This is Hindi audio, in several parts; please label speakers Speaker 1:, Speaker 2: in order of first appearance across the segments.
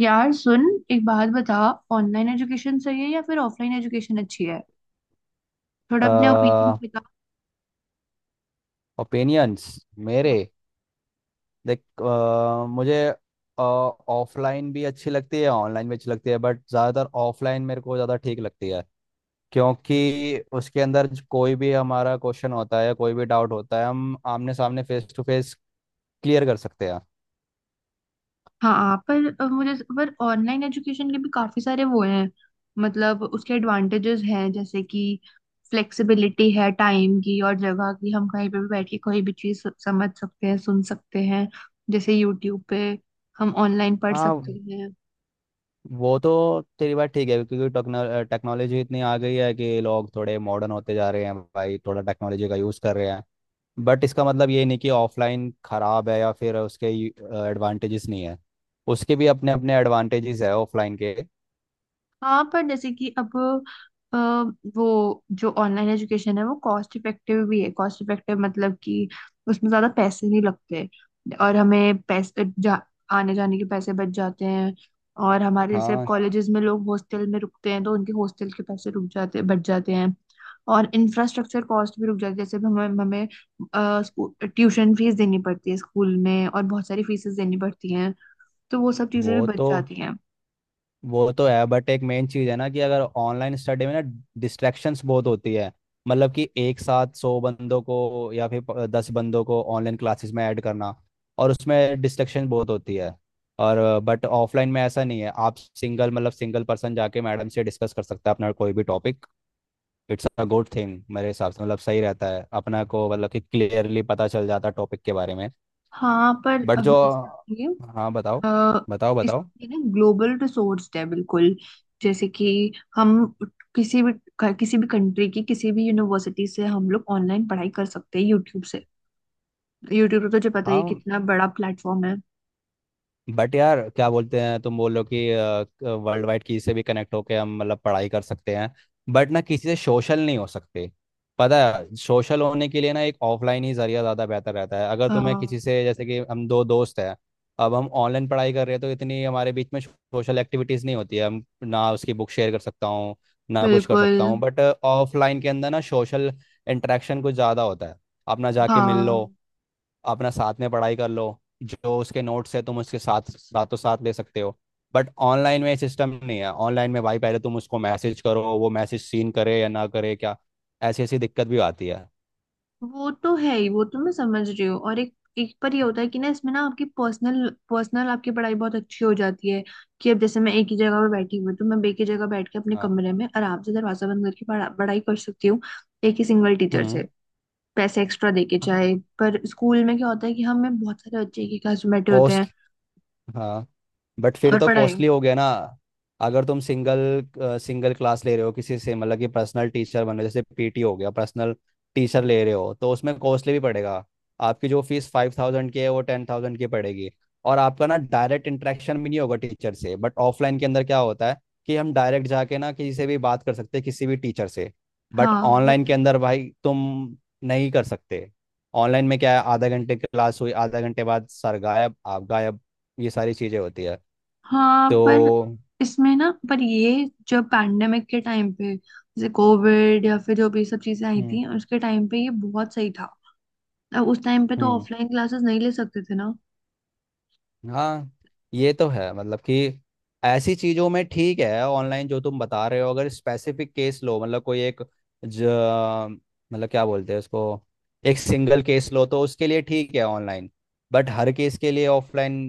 Speaker 1: यार सुन, एक बात बता। ऑनलाइन एजुकेशन सही है या फिर ऑफलाइन एजुकेशन अच्छी है? थोड़ा अपने ओपिनियन बता।
Speaker 2: ओपिनियंस? मेरे? देख, मुझे ऑफलाइन भी अच्छी लगती है, ऑनलाइन भी अच्छी लगती है, बट ज़्यादातर ऑफलाइन मेरे को ज़्यादा ठीक लगती है। क्योंकि उसके अंदर कोई भी हमारा क्वेश्चन होता है, कोई भी डाउट होता है, हम आमने सामने फेस टू फेस क्लियर कर सकते हैं।
Speaker 1: हाँ हाँ, पर मुझे पर ऑनलाइन एजुकेशन के भी काफी सारे वो हैं। मतलब उसके एडवांटेजेस हैं, जैसे कि फ्लेक्सिबिलिटी है टाइम की और जगह की। हम कहीं पे भी बैठ के कोई भी चीज समझ सकते हैं, सुन सकते हैं। जैसे यूट्यूब पे हम ऑनलाइन पढ़ सकते
Speaker 2: हाँ,
Speaker 1: हैं।
Speaker 2: वो तो तेरी बात ठीक है, क्योंकि टेक्नोलॉजी इतनी आ गई है कि लोग थोड़े मॉडर्न होते जा रहे हैं, भाई थोड़ा टेक्नोलॉजी का यूज़ कर रहे हैं। बट इसका मतलब ये नहीं कि ऑफलाइन खराब है या फिर उसके एडवांटेजेस नहीं है, उसके भी अपने अपने एडवांटेजेस है ऑफलाइन के।
Speaker 1: हाँ, पर जैसे कि अब अ, वो जो ऑनलाइन एजुकेशन है, वो कॉस्ट इफेक्टिव भी है। कॉस्ट इफेक्टिव मतलब कि उसमें ज्यादा पैसे नहीं लगते, और हमें पैसे आने जाने के पैसे बच जाते हैं। और हमारे जैसे
Speaker 2: हाँ।
Speaker 1: कॉलेजेस में लोग हॉस्टल में रुकते हैं, तो उनके हॉस्टल के पैसे रुक जाते, बच जाते हैं। और इंफ्रास्ट्रक्चर कॉस्ट भी रुक जाती है। जैसे अब हमें हमें ट्यूशन फीस देनी पड़ती है स्कूल में, और बहुत सारी फीसेस देनी पड़ती हैं। तो वो सब चीजें भी
Speaker 2: वो
Speaker 1: बच
Speaker 2: तो
Speaker 1: जाती हैं।
Speaker 2: वो तो है, बट एक मेन चीज़ है ना कि अगर ऑनलाइन स्टडी में ना डिस्ट्रैक्शंस बहुत होती है, मतलब कि एक साथ 100 बंदों को या फिर 10 बंदों को ऑनलाइन क्लासेस में ऐड करना, और उसमें डिस्ट्रैक्शन बहुत होती है। और बट ऑफलाइन में ऐसा नहीं है, आप सिंगल मतलब सिंगल पर्सन जाके मैडम से डिस्कस कर सकता है अपना कोई भी topic. It's a good thing मेरे हिसाब से, मतलब सही रहता है अपना को, मतलब कि क्लियरली पता चल जाता है टॉपिक के बारे में।
Speaker 1: हाँ, पर
Speaker 2: बट
Speaker 1: अब
Speaker 2: जो।
Speaker 1: जैसे ये
Speaker 2: हाँ, बताओ।
Speaker 1: अ,
Speaker 2: बताओ बताओ।
Speaker 1: इसके लिए ना ग्लोबल रिसोर्स है बिल्कुल। जैसे कि हम किसी भी किसी भी कंट्री की किसी भी यूनिवर्सिटी से हम लोग ऑनलाइन पढ़ाई कर सकते हैं, यूट्यूब से। यूट्यूब तो तुझे पता ही है
Speaker 2: हाँ,
Speaker 1: कितना बड़ा प्लेटफॉर्म है।
Speaker 2: बट यार क्या बोलते हैं, तुम बोल रहे हो कि वर्ल्ड वाइड किसी से भी कनेक्ट होके हम मतलब पढ़ाई कर सकते हैं, बट ना किसी से सोशल नहीं हो सकते। पता है, सोशल होने के लिए ना एक ऑफलाइन ही जरिया ज़्यादा बेहतर रहता है, अगर
Speaker 1: अ,
Speaker 2: तुम्हें किसी से जैसे कि हम दो दोस्त हैं, अब हम ऑनलाइन पढ़ाई कर रहे हैं, तो इतनी हमारे बीच में सोशल एक्टिविटीज़ नहीं होती है, हम ना उसकी बुक शेयर कर सकता हूँ, ना कुछ कर
Speaker 1: बिल्कुल।
Speaker 2: सकता हूँ। बट ऑफलाइन के अंदर ना सोशल इंटरेक्शन कुछ ज़्यादा होता है, अपना जाके मिल लो,
Speaker 1: हाँ,
Speaker 2: अपना साथ में पढ़ाई कर लो, जो उसके नोट्स है तुम उसके साथ साथों साथ ले सकते हो। बट ऑनलाइन में सिस्टम नहीं है, ऑनलाइन में भाई पहले तुम उसको मैसेज करो, वो मैसेज सीन करे या ना करे क्या, ऐसी ऐसी दिक्कत भी आती है।
Speaker 1: वो तो है ही, वो तो मैं समझ रही हूँ। और एक एक पर ये होता है कि ना, इसमें ना आपकी पर्सनल पर्सनल आपकी पढ़ाई बहुत अच्छी हो जाती है। कि अब जैसे मैं एक ही जगह पर बैठी हुई हूँ, तो मैं एक ही जगह बैठ के अपने
Speaker 2: हाँ।
Speaker 1: कमरे में आराम से दरवाजा बंद करके पढ़ाई कर सकती हूँ। एक ही सिंगल टीचर
Speaker 2: हम्म।
Speaker 1: से, पैसे एक्स्ट्रा दे के
Speaker 2: हाँ।
Speaker 1: चाहे। पर स्कूल में क्या होता है कि हमें बहुत सारे बच्चे एक ही क्लास में बैठे होते
Speaker 2: कॉस्ट।
Speaker 1: हैं,
Speaker 2: हाँ। बट फिर
Speaker 1: और
Speaker 2: तो
Speaker 1: पढ़ाई।
Speaker 2: कॉस्टली हो गया ना। अगर तुम सिंगल सिंगल क्लास ले रहे हो किसी से, मतलब कि पर्सनल टीचर बन रहे हो, जैसे पीटी हो गया, पर्सनल टीचर ले रहे हो, तो उसमें कॉस्टली भी पड़ेगा, आपकी जो फीस 5,000 की है वो 10,000 की पड़ेगी, और आपका ना डायरेक्ट इंटरेक्शन भी नहीं होगा टीचर से। बट ऑफलाइन के अंदर क्या होता है कि हम डायरेक्ट जाके ना किसी से भी बात कर सकते हैं किसी भी टीचर से, बट
Speaker 1: हाँ वो
Speaker 2: ऑनलाइन
Speaker 1: तो।
Speaker 2: के अंदर भाई तुम नहीं कर सकते। ऑनलाइन में क्या है, आधा घंटे क्लास हुई, आधा घंटे बाद सर गायब आप गायब, ये सारी चीज़ें होती है।
Speaker 1: हाँ,
Speaker 2: तो।
Speaker 1: पर इसमें ना, पर ये जब पैंडेमिक के टाइम पे जैसे कोविड या फिर जो भी सब चीजें आई
Speaker 2: हम्म।
Speaker 1: थी, उसके टाइम पे ये बहुत सही था। अब उस टाइम पे तो
Speaker 2: हम्म।
Speaker 1: ऑफलाइन क्लासेस नहीं ले सकते थे ना।
Speaker 2: हाँ, ये तो है, मतलब कि ऐसी चीजों में ठीक है ऑनलाइन, जो तुम बता रहे हो, अगर स्पेसिफिक केस लो, मतलब कोई एक, ज मतलब क्या बोलते हैं उसको, एक सिंगल केस लो, तो उसके लिए ठीक है ऑनलाइन, बट हर केस के लिए ऑफलाइन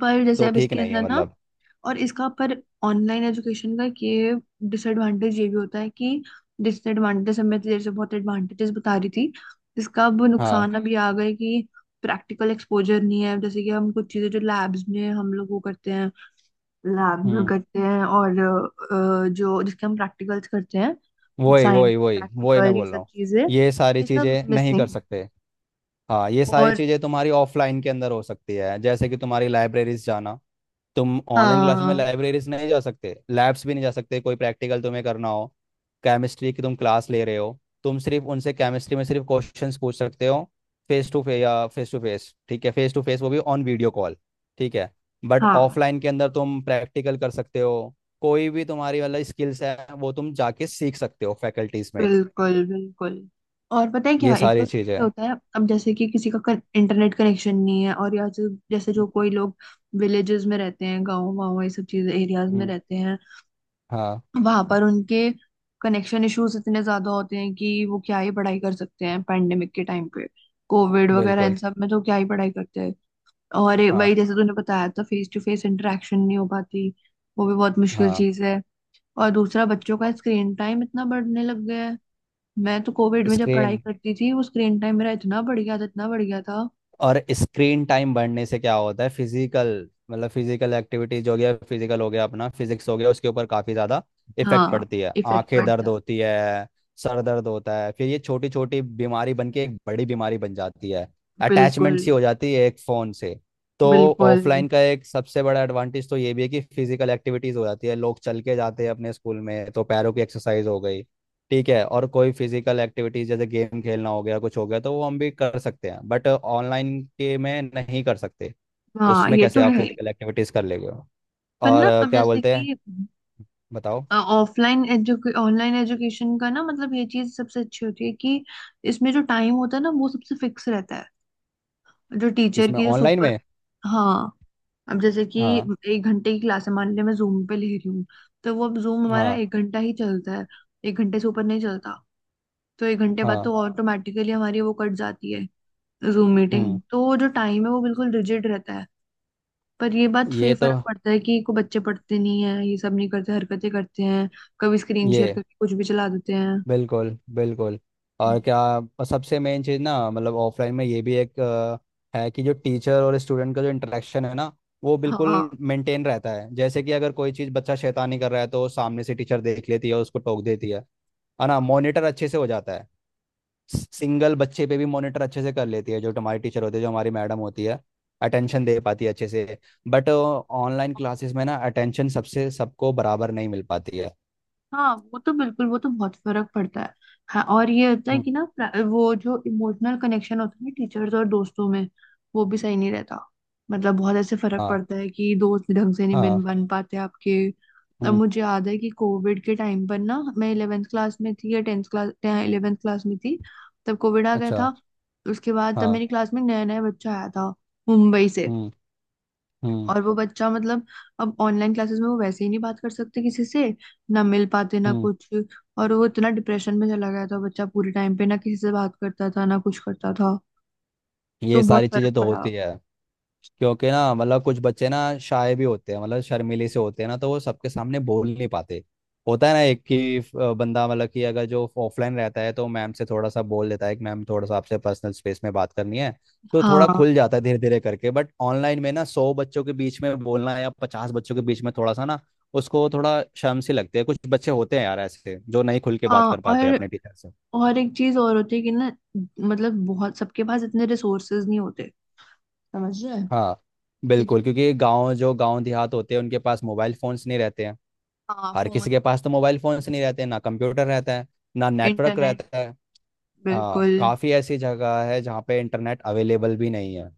Speaker 1: पर जैसे
Speaker 2: तो
Speaker 1: अब
Speaker 2: ठीक
Speaker 1: इसके
Speaker 2: नहीं है,
Speaker 1: अंदर ना,
Speaker 2: मतलब।
Speaker 1: और इसका पर ऑनलाइन एजुकेशन का ये डिसएडवांटेज ये भी होता है कि डिसएडवांटेज, हमें तो जैसे बहुत एडवांटेजेस बता रही थी, इसका अब
Speaker 2: हाँ।
Speaker 1: नुकसान अभी आ गए कि प्रैक्टिकल एक्सपोजर नहीं है। जैसे कि हम कुछ चीजें जो लैब्स में हम लोग वो करते हैं, लैब में
Speaker 2: हम्म।
Speaker 1: करते हैं। और जो जिसके हम प्रैक्टिकल्स करते हैं,
Speaker 2: वही
Speaker 1: साइंस
Speaker 2: वही वही वही मैं
Speaker 1: प्रैक्टिकल, ये
Speaker 2: बोल रहा
Speaker 1: सब
Speaker 2: हूँ,
Speaker 1: चीजें
Speaker 2: ये सारी
Speaker 1: ये सब
Speaker 2: चीजें नहीं कर
Speaker 1: मिसिंग।
Speaker 2: सकते। हाँ, ये सारी
Speaker 1: और
Speaker 2: चीजें तुम्हारी ऑफलाइन के अंदर हो सकती है, जैसे कि तुम्हारी लाइब्रेरीज जाना, तुम ऑनलाइन क्लास में
Speaker 1: हाँ।
Speaker 2: लाइब्रेरीज नहीं जा सकते, लैब्स भी नहीं जा सकते, कोई प्रैक्टिकल तुम्हें करना हो, केमिस्ट्री की तुम क्लास ले रहे हो, तुम सिर्फ उनसे केमिस्ट्री में सिर्फ क्वेश्चंस पूछ सकते हो फेस टू फेस, या फेस टू फेस ठीक है, फेस टू फेस वो भी ऑन वीडियो कॉल ठीक है। बट
Speaker 1: हाँ।
Speaker 2: ऑफलाइन के अंदर तुम प्रैक्टिकल कर सकते हो, कोई भी तुम्हारी वाला स्किल्स है वो तुम जाके सीख सकते हो फैकल्टीज में,
Speaker 1: बिल्कुल बिल्कुल। और पता है
Speaker 2: ये
Speaker 1: क्या, एक तो
Speaker 2: सारी चीज़ें
Speaker 1: क्या
Speaker 2: हैं।
Speaker 1: होता है, अब जैसे कि किसी का इंटरनेट कनेक्शन नहीं है। और या जो जैसे जो कोई लोग विलेजेस में रहते हैं, गाँव वाँव, ये सब चीजें एरियाज में
Speaker 2: हम्म।
Speaker 1: रहते हैं।
Speaker 2: हाँ,
Speaker 1: वहां पर उनके कनेक्शन इश्यूज इतने ज्यादा होते हैं कि वो क्या ही पढ़ाई कर सकते हैं। पैंडेमिक के टाइम पे कोविड वगैरह इन
Speaker 2: बिल्कुल।
Speaker 1: सब में तो क्या ही पढ़ाई करते हैं। और
Speaker 2: हाँ।
Speaker 1: वही, जैसे तूने बताया था, फेस टू फेस इंटरेक्शन नहीं हो पाती। वो भी बहुत मुश्किल
Speaker 2: हाँ।
Speaker 1: चीज है। और दूसरा, बच्चों का स्क्रीन टाइम इतना बढ़ने लग गया है। मैं तो कोविड में जब पढ़ाई
Speaker 2: स्क्रीन।
Speaker 1: करती थी, वो स्क्रीन टाइम मेरा इतना बढ़ गया था, इतना बढ़ गया था।
Speaker 2: और स्क्रीन टाइम बढ़ने से क्या होता है, फिजिकल मतलब फिजिकल एक्टिविटीज हो गया, फिजिकल हो गया, अपना फिजिक्स हो गया, उसके ऊपर काफी ज्यादा इफेक्ट
Speaker 1: हाँ,
Speaker 2: पड़ती है,
Speaker 1: इफेक्ट
Speaker 2: आंखें
Speaker 1: पड़ता
Speaker 2: दर्द
Speaker 1: है।
Speaker 2: होती है, सर दर्द होता है, फिर ये छोटी छोटी बीमारी बन के एक बड़ी बीमारी बन जाती है, अटैचमेंट
Speaker 1: बिल्कुल
Speaker 2: सी हो जाती है एक फोन से। तो
Speaker 1: बिल्कुल।
Speaker 2: ऑफलाइन का एक सबसे बड़ा एडवांटेज तो ये भी है कि फिजिकल एक्टिविटीज हो जाती है, लोग चल के जाते हैं अपने स्कूल में, तो पैरों की एक्सरसाइज हो गई, ठीक है, और कोई फिजिकल एक्टिविटीज जैसे गेम खेलना हो गया कुछ हो गया, तो वो हम भी कर सकते हैं, बट ऑनलाइन के में नहीं कर सकते,
Speaker 1: हाँ
Speaker 2: उसमें
Speaker 1: ये
Speaker 2: कैसे
Speaker 1: तो
Speaker 2: आप
Speaker 1: है।
Speaker 2: फिजिकल एक्टिविटीज कर लेंगे।
Speaker 1: पर
Speaker 2: और
Speaker 1: ना अब
Speaker 2: क्या
Speaker 1: जैसे
Speaker 2: बोलते हैं,
Speaker 1: कि
Speaker 2: बताओ।
Speaker 1: ऑफलाइन एजुके ऑनलाइन एजुकेशन का ना मतलब ये चीज सबसे अच्छी होती है कि इसमें जो टाइम होता है ना, वो सबसे फिक्स रहता है। जो टीचर
Speaker 2: किसमें,
Speaker 1: की जो
Speaker 2: ऑनलाइन
Speaker 1: सुपर।
Speaker 2: में?
Speaker 1: हाँ। अब जैसे कि
Speaker 2: हाँ।
Speaker 1: एक घंटे की क्लास है, मान लिया मैं जूम पे ले रही हूँ, तो वो अब जूम हमारा
Speaker 2: हाँ।
Speaker 1: एक घंटा ही चलता है। एक घंटे से ऊपर नहीं चलता। तो एक घंटे बाद
Speaker 2: हाँ।
Speaker 1: तो ऑटोमेटिकली हमारी वो कट जाती है, जूम
Speaker 2: हम्म।
Speaker 1: मीटिंग। तो वो जो टाइम है, वो बिल्कुल रिजिड रहता है। पर ये बात फे
Speaker 2: ये तो।
Speaker 1: फर्क पड़ता है कि को बच्चे पढ़ते नहीं है, ये सब नहीं करते, हरकतें करते हैं। कभी स्क्रीन शेयर
Speaker 2: ये।
Speaker 1: करके कुछ भी चला देते हैं।
Speaker 2: बिल्कुल बिल्कुल। और क्या, और सबसे मेन चीज़ ना, मतलब ऑफलाइन में ये भी एक है, कि जो टीचर और स्टूडेंट का जो इंटरेक्शन है ना, वो
Speaker 1: हाँ
Speaker 2: बिल्कुल मेंटेन रहता है, जैसे कि अगर कोई चीज़ बच्चा शैतानी कर रहा है तो सामने से टीचर देख लेती है और उसको टोक देती है ना,
Speaker 1: हाँ।
Speaker 2: मॉनिटर अच्छे से हो जाता है, सिंगल बच्चे पे भी मॉनिटर अच्छे से कर लेती है, जो हमारी टीचर होती है, जो हमारी मैडम होती है, अटेंशन दे पाती है अच्छे से। बट ऑनलाइन क्लासेस में ना अटेंशन सबसे सबको बराबर नहीं मिल पाती है।
Speaker 1: हाँ वो तो बिल्कुल, वो तो बहुत फर्क पड़ता है। हाँ, और ये होता है
Speaker 2: हम्म।
Speaker 1: कि ना वो जो इमोशनल कनेक्शन होता है ना टीचर्स और दोस्तों में, वो भी सही नहीं रहता। मतलब बहुत ऐसे फर्क
Speaker 2: हाँ।
Speaker 1: पड़ता है कि दोस्त ढंग से नहीं बन
Speaker 2: हाँ।
Speaker 1: बन पाते आपके। अब
Speaker 2: हम्म।
Speaker 1: मुझे याद है कि कोविड के टाइम पर ना मैं इलेवेंथ क्लास में थी, या टेंथ क्लास इलेवेंथ क्लास में थी। तब कोविड आ गया
Speaker 2: अच्छा।
Speaker 1: था। उसके बाद तब
Speaker 2: हाँ।
Speaker 1: मेरी क्लास में नया नया बच्चा आया था, मुंबई से।
Speaker 2: हम्म। हम्म।
Speaker 1: और वो बच्चा, मतलब अब ऑनलाइन क्लासेस में वो वैसे ही नहीं बात कर सकते किसी से। ना मिल पाते ना
Speaker 2: हम्म।
Speaker 1: कुछ। और वो इतना डिप्रेशन में चला गया था बच्चा, पूरे टाइम पे ना किसी से बात करता था ना कुछ करता था। तो
Speaker 2: ये
Speaker 1: बहुत
Speaker 2: सारी
Speaker 1: फर्क
Speaker 2: चीजें तो
Speaker 1: पड़ा।
Speaker 2: होती है, क्योंकि ना मतलब कुछ बच्चे ना शाय भी होते हैं, मतलब शर्मीले से होते हैं ना, तो वो सबके सामने बोल नहीं पाते, होता है ना एक कि बंदा मतलब कि अगर जो ऑफलाइन रहता है तो मैम से थोड़ा सा बोल देता है कि मैम थोड़ा सा आपसे पर्सनल स्पेस में बात करनी है, तो थोड़ा
Speaker 1: हाँ
Speaker 2: खुल जाता है धीरे धीरे करके। बट ऑनलाइन में ना 100 बच्चों के बीच में बोलना या 50 बच्चों के बीच में थोड़ा सा ना, उसको थोड़ा शर्म सी लगती है, कुछ बच्चे होते हैं यार ऐसे जो नहीं खुल के
Speaker 1: हाँ।
Speaker 2: बात कर पाते अपने टीचर।
Speaker 1: और एक चीज और होती है कि ना, मतलब बहुत, सबके पास इतने रिसोर्सेज नहीं होते। समझ रहे हैं?
Speaker 2: हाँ,
Speaker 1: जैसे कि,
Speaker 2: बिल्कुल, क्योंकि गांव, जो गांव देहात होते हैं, उनके पास मोबाइल फोन्स नहीं रहते हैं,
Speaker 1: हाँ,
Speaker 2: हर किसी
Speaker 1: फोन,
Speaker 2: के पास तो मोबाइल फोन्स नहीं रहते हैं, ना कंप्यूटर रहता है, ना नेटवर्क
Speaker 1: इंटरनेट,
Speaker 2: रहता है। हाँ,
Speaker 1: बिल्कुल।
Speaker 2: काफ़ी ऐसी जगह है जहाँ पे इंटरनेट अवेलेबल भी नहीं है,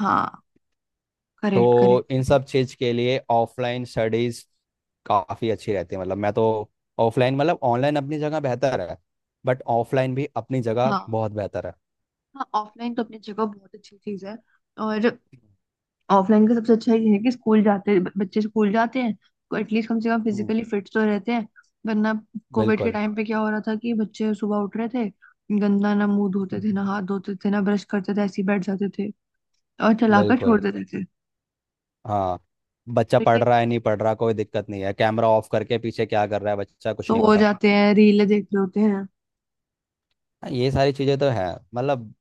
Speaker 1: हाँ करेक्ट करेक्ट
Speaker 2: तो इन
Speaker 1: करेक्ट।
Speaker 2: सब चीज़ के लिए ऑफलाइन स्टडीज़ काफ़ी अच्छी रहती है, मतलब मैं तो, ऑफलाइन मतलब ऑनलाइन अपनी जगह बेहतर है, बट ऑफलाइन भी अपनी जगह
Speaker 1: हाँ।
Speaker 2: बहुत बेहतर है।
Speaker 1: हाँ ऑफलाइन तो अपनी जगह बहुत अच्छी चीज है। और ऑफलाइन का सबसे अच्छा ये है कि स्कूल जाते बच्चे स्कूल जाते हैं, तो एटलीस्ट कम से कम
Speaker 2: हम्म,
Speaker 1: फिजिकली फिट तो रहते हैं। वरना कोविड के
Speaker 2: बिल्कुल
Speaker 1: टाइम पे क्या हो रहा था कि बच्चे सुबह उठ रहे थे, गंदा, ना मुंह धोते थे ना हाथ धोते थे ना ब्रश करते थे, ऐसे ही बैठ जाते थे। और चलाकर
Speaker 2: बिल्कुल।
Speaker 1: छोड़ देते थे।
Speaker 2: हाँ। बच्चा
Speaker 1: तो
Speaker 2: पढ़
Speaker 1: ये
Speaker 2: रहा है नहीं पढ़ रहा कोई दिक्कत नहीं है, कैमरा ऑफ करके पीछे क्या कर रहा है बच्चा कुछ
Speaker 1: सो
Speaker 2: नहीं
Speaker 1: हो
Speaker 2: पता।
Speaker 1: जाते हैं, रीले देख रहे होते हैं।
Speaker 2: हाँ, ये सारी चीज़ें तो है, मतलब,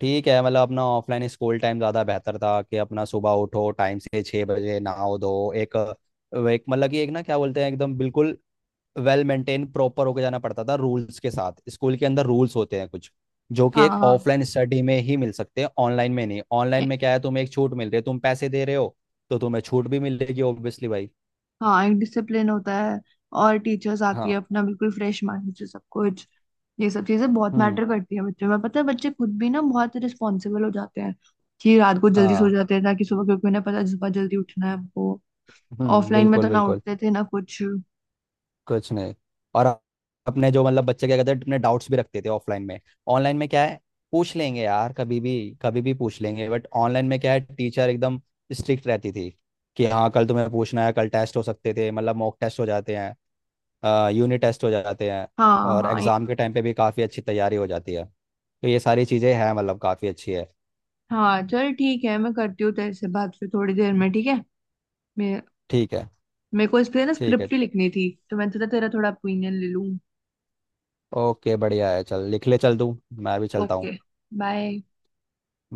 Speaker 2: ठीक है, मतलब अपना ऑफलाइन स्कूल टाइम ज़्यादा बेहतर था, कि अपना सुबह उठो टाइम से 6 बजे नहाओ धो, एक एक मतलब कि एक ना क्या बोलते हैं एकदम बिल्कुल वेल मेंटेन प्रॉपर होके जाना पड़ता था, रूल्स के साथ, स्कूल के अंदर रूल्स होते हैं कुछ, जो कि
Speaker 1: हाँ
Speaker 2: एक
Speaker 1: हाँ।
Speaker 2: ऑफलाइन स्टडी में ही मिल सकते हैं ऑनलाइन में नहीं। ऑनलाइन में क्या है, तुम्हें एक छूट मिल रही है तुम पैसे दे रहे हो, तो तुम्हें छूट भी मिलेगी, ऑब्वियसली भाई।
Speaker 1: हाँ एक डिसिप्लिन होता है। और टीचर्स आती
Speaker 2: हाँ।
Speaker 1: है अपना बिल्कुल फ्रेश माइंड से सब कुछ। ये सब चीजें बहुत
Speaker 2: हम्म।
Speaker 1: मैटर करती है बच्चों में। पता है, बच्चे खुद भी ना बहुत रिस्पॉन्सिबल हो जाते हैं कि रात को जल्दी सो
Speaker 2: हाँ।
Speaker 1: जाते हैं, ताकि सुबह, क्योंकि उन्हें पता है सुबह जल्दी उठना है हमको।
Speaker 2: हम्म।
Speaker 1: ऑफलाइन में
Speaker 2: बिल्कुल
Speaker 1: तो ना
Speaker 2: बिल्कुल।
Speaker 1: उठते थे ना कुछ।
Speaker 2: कुछ नहीं। और अपने जो मतलब बच्चे क्या कहते हैं, अपने डाउट्स भी रखते थे ऑफलाइन में। ऑनलाइन में क्या है, पूछ लेंगे यार, कभी भी कभी भी पूछ लेंगे। बट ऑनलाइन में क्या है, टीचर एकदम स्ट्रिक्ट रहती थी, कि हाँ कल तुम्हें पूछना है, कल टेस्ट हो सकते थे, मतलब मॉक टेस्ट हो जाते हैं, यूनिट टेस्ट हो जाते हैं,
Speaker 1: हाँ
Speaker 2: और
Speaker 1: हाँ ये।
Speaker 2: एग्ज़ाम के टाइम पे भी काफ़ी अच्छी तैयारी हो जाती है, तो ये सारी चीज़ें हैं, मतलब काफ़ी अच्छी है।
Speaker 1: हाँ चल ठीक है, मैं करती हूँ तेरे से बात फिर थोड़ी देर में, ठीक है? मे
Speaker 2: ठीक है।
Speaker 1: मेरे को इस पे ना
Speaker 2: ठीक है,
Speaker 1: स्क्रिप्ट ही लिखनी थी, तो मैं तुझे तेरा थोड़ा ओपिनियन ले लूँ।
Speaker 2: ओके, बढ़िया है, चल लिख ले, चल तू, मैं भी चलता हूँ।
Speaker 1: Okay, bye.